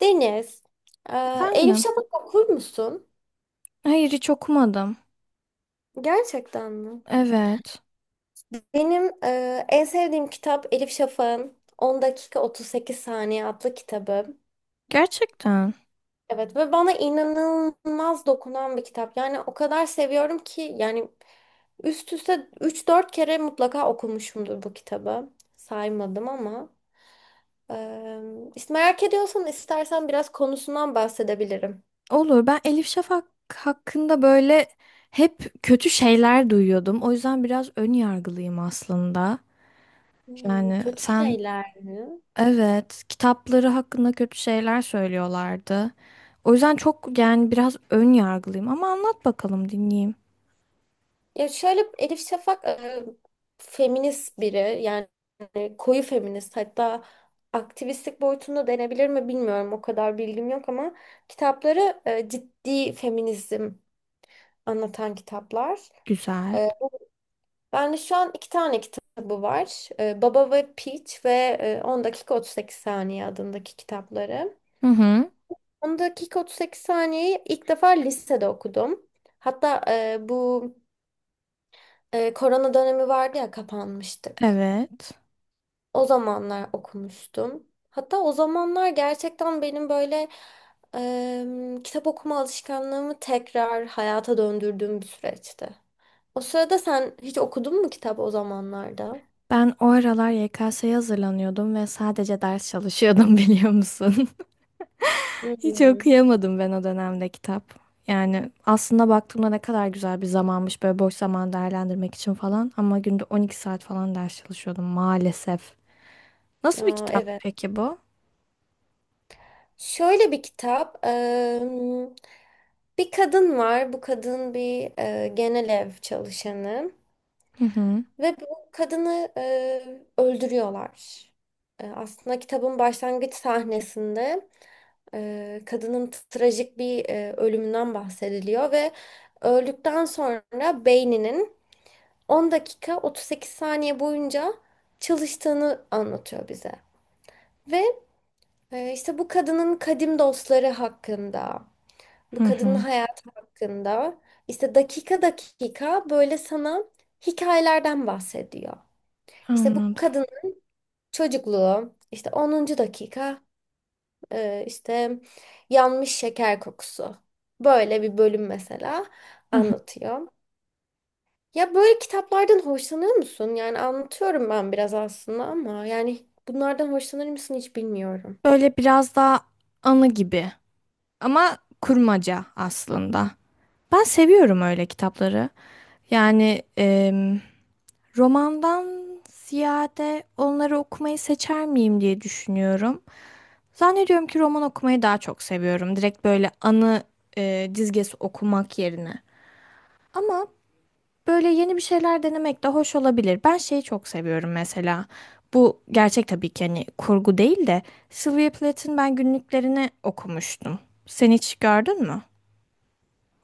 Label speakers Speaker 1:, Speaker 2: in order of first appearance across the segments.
Speaker 1: Deniz, e, Elif
Speaker 2: Efendim?
Speaker 1: Şafak okur musun?
Speaker 2: Hayır, hiç okumadım.
Speaker 1: Gerçekten mi?
Speaker 2: Evet.
Speaker 1: Benim en sevdiğim kitap Elif Şafak'ın On dakika Otuz Sekiz saniye adlı kitabı.
Speaker 2: Gerçekten.
Speaker 1: Evet ve bana inanılmaz dokunan bir kitap. Yani o kadar seviyorum ki yani üst üste üç dört kere mutlaka okumuşumdur bu kitabı. Saymadım ama. e, işte merak ediyorsan istersen biraz konusundan bahsedebilirim.
Speaker 2: Olur. Ben Elif Şafak hakkında böyle hep kötü şeyler duyuyordum. O yüzden biraz ön yargılıyım aslında.
Speaker 1: Hmm,
Speaker 2: Yani
Speaker 1: kötü
Speaker 2: sen,
Speaker 1: şeyler mi?
Speaker 2: evet, kitapları hakkında kötü şeyler söylüyorlardı. O yüzden çok, yani biraz ön yargılıyım, ama anlat bakalım dinleyeyim.
Speaker 1: Ya şöyle Elif Şafak feminist biri, yani koyu feminist, hatta aktivistlik boyutunda denebilir mi bilmiyorum, o kadar bilgim yok, ama kitapları ciddi feminizm anlatan kitaplar.
Speaker 2: Güzel.
Speaker 1: E, Ben de şu an iki tane kitabı var. E, Baba ve Peach ve 10 dakika 38 saniye adındaki kitapları.
Speaker 2: Hı hı.
Speaker 1: 10 dakika 38 saniyeyi ilk defa lisede okudum. Hatta bu korona dönemi vardı ya, kapanmıştık.
Speaker 2: Evet.
Speaker 1: O zamanlar okumuştum. Hatta o zamanlar gerçekten benim böyle kitap okuma alışkanlığımı tekrar hayata döndürdüğüm bir süreçti. O sırada sen hiç okudun mu kitap o zamanlarda?
Speaker 2: Ben o aralar YKS'ye hazırlanıyordum ve sadece ders çalışıyordum. Biliyor musun? Hiç
Speaker 1: Hmm,
Speaker 2: okuyamadım ben o dönemde kitap. Yani aslında baktığımda ne kadar güzel bir zamanmış böyle, boş zaman değerlendirmek için falan. Ama günde 12 saat falan ders çalışıyordum maalesef. Nasıl bir
Speaker 1: ya,
Speaker 2: kitap
Speaker 1: evet.
Speaker 2: peki bu?
Speaker 1: Şöyle bir kitap. Bir kadın var. Bu kadın bir genel ev çalışanı
Speaker 2: Hı hı.
Speaker 1: ve bu kadını öldürüyorlar. E, aslında kitabın başlangıç sahnesinde. Kadının trajik bir ölümünden bahsediliyor ve öldükten sonra beyninin 10 dakika 38 saniye boyunca çalıştığını anlatıyor bize. Ve işte bu kadının kadim dostları hakkında,
Speaker 2: Hı
Speaker 1: bu kadının
Speaker 2: hı.
Speaker 1: hayatı hakkında işte dakika dakika böyle sana hikayelerden bahsediyor. İşte bu
Speaker 2: Anladım.
Speaker 1: kadının çocukluğu, işte onuncu dakika, işte yanmış şeker kokusu. Böyle bir bölüm mesela
Speaker 2: Hı hı.
Speaker 1: anlatıyor. Ya böyle kitaplardan hoşlanıyor musun? Yani anlatıyorum ben biraz aslında, ama yani bunlardan hoşlanır mısın hiç bilmiyorum.
Speaker 2: Böyle biraz daha anı gibi ama kurmaca aslında. Ben seviyorum öyle kitapları. Yani romandan ziyade onları okumayı seçer miyim diye düşünüyorum. Zannediyorum ki roman okumayı daha çok seviyorum. Direkt böyle anı dizgesi okumak yerine. Ama böyle yeni bir şeyler denemek de hoş olabilir. Ben şeyi çok seviyorum mesela. Bu gerçek tabii ki, hani kurgu değil de Sylvia Plath'ın ben günlüklerini okumuştum. Sen hiç gördün mü?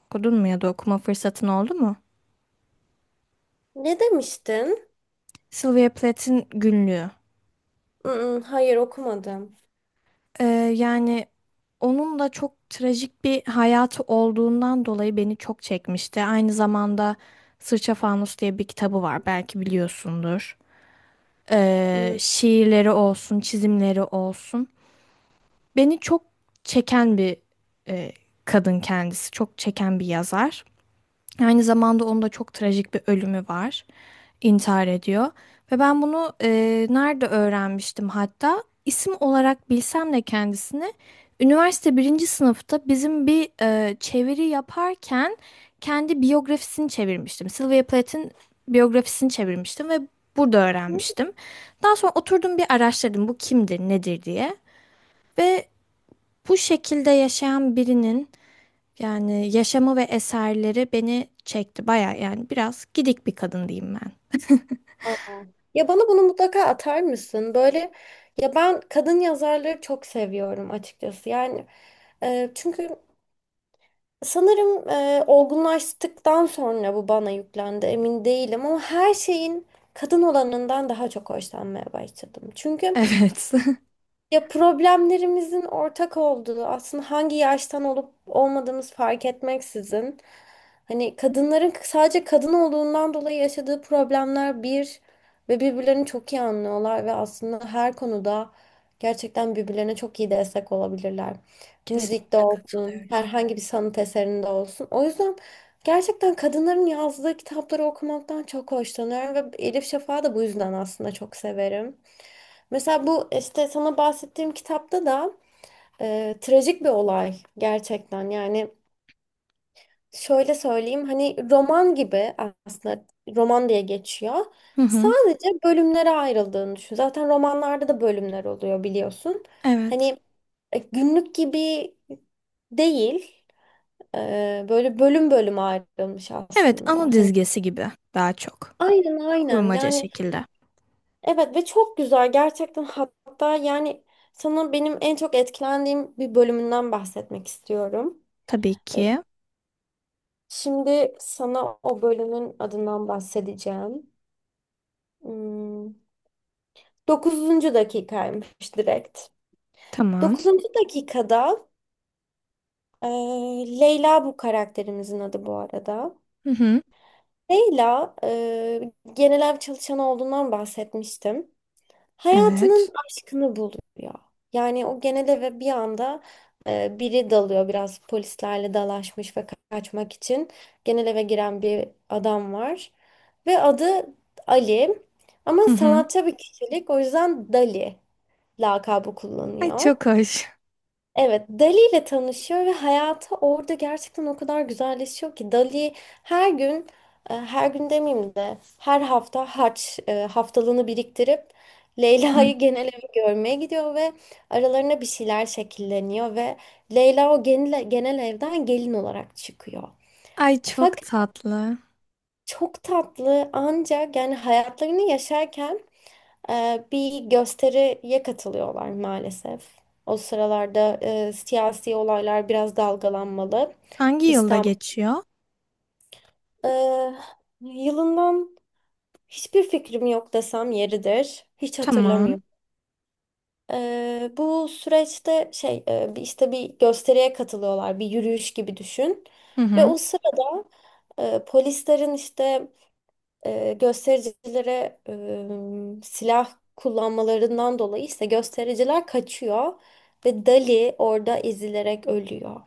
Speaker 2: Okudun mu ya da okuma fırsatın oldu mu?
Speaker 1: Ne demiştin?
Speaker 2: Sylvia Plath'ın günlüğü.
Speaker 1: Mm, hayır okumadım.
Speaker 2: Ee, yani onun da çok trajik bir hayatı olduğundan dolayı beni çok çekmişti. Aynı zamanda Sırça Fanus diye bir kitabı var, belki biliyorsundur.
Speaker 1: Mm.
Speaker 2: Şiirleri olsun, çizimleri olsun. Beni çok çeken bir e, kadın kendisi, çok çeken bir yazar. Aynı zamanda onun da çok trajik bir ölümü var. İntihar ediyor. Ve ben bunu nerede öğrenmiştim hatta? İsim olarak bilsem de kendisini üniversite birinci sınıfta bizim bir çeviri yaparken kendi biyografisini çevirmiştim. Sylvia Plath'in biyografisini çevirmiştim ve burada öğrenmiştim. Daha sonra oturdum, bir araştırdım bu kimdir, nedir diye. Ve bu şekilde yaşayan birinin yani yaşamı ve eserleri beni çekti baya, yani biraz gidik bir kadın diyeyim ben.
Speaker 1: Aa. Ya bana bunu mutlaka atar mısın? Böyle ya ben kadın yazarları çok seviyorum açıkçası. Yani, çünkü sanırım olgunlaştıktan sonra bu bana yüklendi, emin değilim, ama her şeyin kadın olanından daha çok hoşlanmaya başladım. Çünkü
Speaker 2: Evet.
Speaker 1: ya problemlerimizin ortak olduğu, aslında hangi yaştan olup olmadığımız fark etmeksizin, hani kadınların sadece kadın olduğundan dolayı yaşadığı problemler bir ve birbirlerini çok iyi anlıyorlar ve aslında her konuda gerçekten birbirlerine çok iyi destek olabilirler. Müzikte
Speaker 2: Kesinlikle
Speaker 1: olsun,
Speaker 2: katılıyorum.
Speaker 1: herhangi bir sanat eserinde olsun. O yüzden gerçekten kadınların yazdığı kitapları okumaktan çok hoşlanıyorum ve Elif Şafak'ı da bu yüzden aslında çok severim. Mesela bu işte sana bahsettiğim kitapta da trajik bir olay gerçekten. Yani şöyle söyleyeyim, hani roman gibi aslında, roman diye geçiyor.
Speaker 2: Hı hı.
Speaker 1: Sadece bölümlere ayrıldığını düşün. Zaten romanlarda da bölümler oluyor biliyorsun.
Speaker 2: Evet.
Speaker 1: Hani günlük gibi değil. Böyle bölüm bölüm ayrılmış
Speaker 2: Evet, anı
Speaker 1: aslında. Hani
Speaker 2: dizgesi gibi daha çok.
Speaker 1: aynen aynen.
Speaker 2: Kurmaca
Speaker 1: Yani
Speaker 2: şekilde.
Speaker 1: evet ve çok güzel gerçekten, hatta yani sana benim en çok etkilendiğim bir bölümünden bahsetmek istiyorum.
Speaker 2: Tabii
Speaker 1: E,
Speaker 2: ki.
Speaker 1: Şimdi sana o bölümün adından bahsedeceğim. Hmm, 9. dakikaymış direkt.
Speaker 2: Tamam.
Speaker 1: Dokuzuncu dakikada e, Leyla bu karakterimizin adı bu arada.
Speaker 2: Hı hı.
Speaker 1: Leyla genel ev çalışanı olduğundan bahsetmiştim. Hayatının
Speaker 2: Evet.
Speaker 1: aşkını buluyor. Yani o genel eve bir anda biri dalıyor, biraz polislerle dalaşmış ve kaçmak için genel eve giren bir adam var. Ve adı Ali, ama
Speaker 2: Hı hı.
Speaker 1: sanatçı bir kişilik, o yüzden Dali lakabı
Speaker 2: Ay
Speaker 1: kullanıyor.
Speaker 2: çok hoş.
Speaker 1: Evet, Dali ile tanışıyor ve hayatı orada gerçekten o kadar güzelleşiyor ki Dali her gün, her gün demeyeyim de her hafta haftalığını biriktirip
Speaker 2: Hı hı.
Speaker 1: Leyla'yı genel evi görmeye gidiyor ve aralarına bir şeyler şekilleniyor ve Leyla o genel evden gelin olarak çıkıyor.
Speaker 2: Ay çok
Speaker 1: Fakat
Speaker 2: tatlı.
Speaker 1: çok tatlı, ancak yani hayatlarını yaşarken bir gösteriye katılıyorlar maalesef. O sıralarda siyasi olaylar biraz dalgalanmalı.
Speaker 2: Hangi yılda
Speaker 1: İstanbul.
Speaker 2: geçiyor?
Speaker 1: E, Yılından hiçbir fikrim yok desem yeridir. Hiç
Speaker 2: Tamam.
Speaker 1: hatırlamıyorum. Bu süreçte işte bir gösteriye katılıyorlar. Bir yürüyüş gibi düşün.
Speaker 2: Hı
Speaker 1: Ve
Speaker 2: hı.
Speaker 1: o sırada polislerin işte göstericilere silah kullanmalarından dolayı ise göstericiler kaçıyor ve Dali orada ezilerek ölüyor.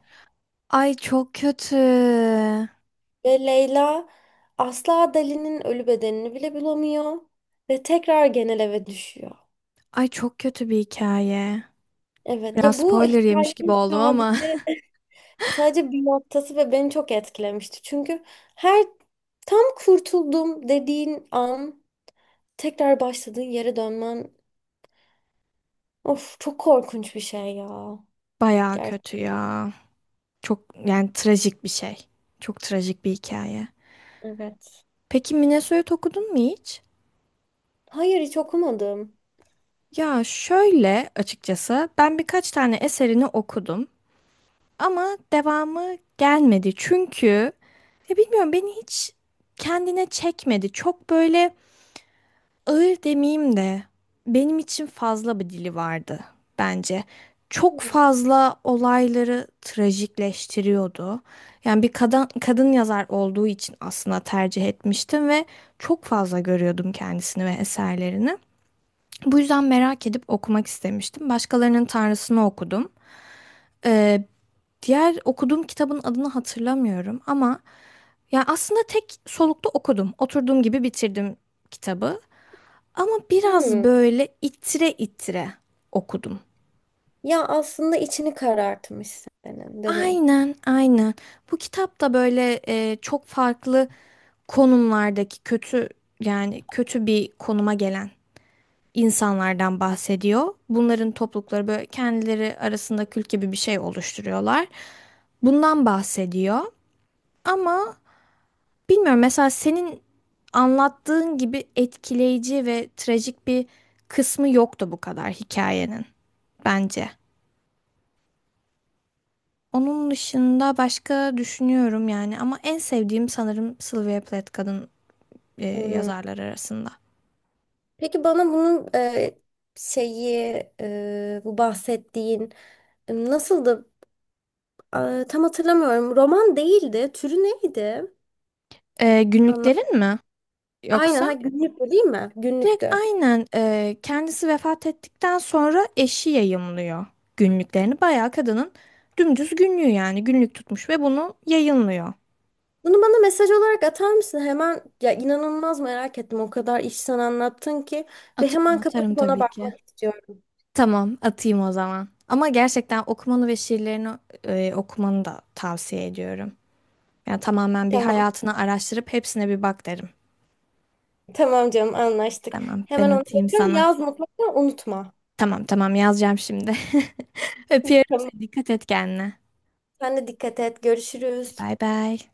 Speaker 2: Ay çok kötü.
Speaker 1: Ve Leyla asla Dali'nin ölü bedenini bile bulamıyor ve tekrar genel eve düşüyor.
Speaker 2: Ay çok kötü bir hikaye.
Speaker 1: Evet
Speaker 2: Biraz
Speaker 1: ya, bu
Speaker 2: spoiler yemiş gibi
Speaker 1: hikayenin
Speaker 2: oldum ama.
Speaker 1: sadece bir noktası ve beni çok etkilemişti. Çünkü her tam kurtuldum dediğin an tekrar başladığın yere dönmen, of, çok korkunç bir şey ya.
Speaker 2: Bayağı
Speaker 1: Gerçekten.
Speaker 2: kötü ya. Çok, yani trajik bir şey. Çok trajik bir hikaye.
Speaker 1: Evet.
Speaker 2: Peki Minnesota okudun mu hiç?
Speaker 1: Hayır hiç okumadım.
Speaker 2: Ya şöyle açıkçası ben birkaç tane eserini okudum ama devamı gelmedi. Çünkü ya bilmiyorum, beni hiç kendine çekmedi. Çok böyle ağır demeyeyim de benim için fazla bir dili vardı bence. Çok
Speaker 1: Hmm.
Speaker 2: fazla olayları trajikleştiriyordu. Yani bir kadın, kadın yazar olduğu için aslında tercih etmiştim ve çok fazla görüyordum kendisini ve eserlerini. Bu yüzden merak edip okumak istemiştim. Başkalarının Tanrısını okudum. Ee, diğer okuduğum kitabın adını hatırlamıyorum ama yani aslında tek solukta okudum. Oturduğum gibi bitirdim kitabı. Ama biraz
Speaker 1: Hmm.
Speaker 2: böyle itire itire okudum.
Speaker 1: Ya aslında içini karartmış senin, değil mi?
Speaker 2: Aynen, aynen. Bu kitap da böyle çok farklı konumlardaki kötü, yani kötü bir konuma gelen insanlardan bahsediyor. Bunların toplulukları böyle kendileri arasında kült gibi bir şey oluşturuyorlar. Bundan bahsediyor. Ama bilmiyorum, mesela senin anlattığın gibi etkileyici ve trajik bir kısmı yoktu bu kadar hikayenin bence. Onun dışında başka düşünüyorum yani, ama en sevdiğim sanırım Sylvia Plath kadın
Speaker 1: Hmm.
Speaker 2: yazarlar arasında.
Speaker 1: Peki bana bunun şeyi bu bahsettiğin nasıldı? E, tam hatırlamıyorum. Roman değildi. Türü neydi? Anla.
Speaker 2: Günlüklerin mi?
Speaker 1: Aynen.
Speaker 2: Yoksa?
Speaker 1: Ha, günlüktü değil mi?
Speaker 2: Direkt
Speaker 1: Günlüktü.
Speaker 2: aynen kendisi vefat ettikten sonra eşi yayımlıyor günlüklerini. Bayağı kadının dümdüz günlüğü, yani günlük tutmuş ve bunu yayınlıyor.
Speaker 1: Bunu bana mesaj olarak atar mısın? Hemen ya, inanılmaz merak ettim. O kadar iç sen anlattın ki ve
Speaker 2: Atarım
Speaker 1: hemen
Speaker 2: atarım
Speaker 1: kapatıp ona
Speaker 2: tabii ki.
Speaker 1: bakmak istiyorum.
Speaker 2: Tamam, atayım o zaman. Ama gerçekten okumanı ve şiirlerini okumanı da tavsiye ediyorum. Yani tamamen bir
Speaker 1: Tamam.
Speaker 2: hayatını araştırıp hepsine bir bak derim.
Speaker 1: Tamam canım, anlaştık.
Speaker 2: Tamam ben
Speaker 1: Hemen onu
Speaker 2: atayım
Speaker 1: bakıyorum.
Speaker 2: sana.
Speaker 1: Yaz, mutlaka unutma.
Speaker 2: Tamam tamam, yazacağım şimdi. Öpüyorum
Speaker 1: Tamam.
Speaker 2: seni. Dikkat et kendine.
Speaker 1: Sen de dikkat et. Görüşürüz.
Speaker 2: Bay bay.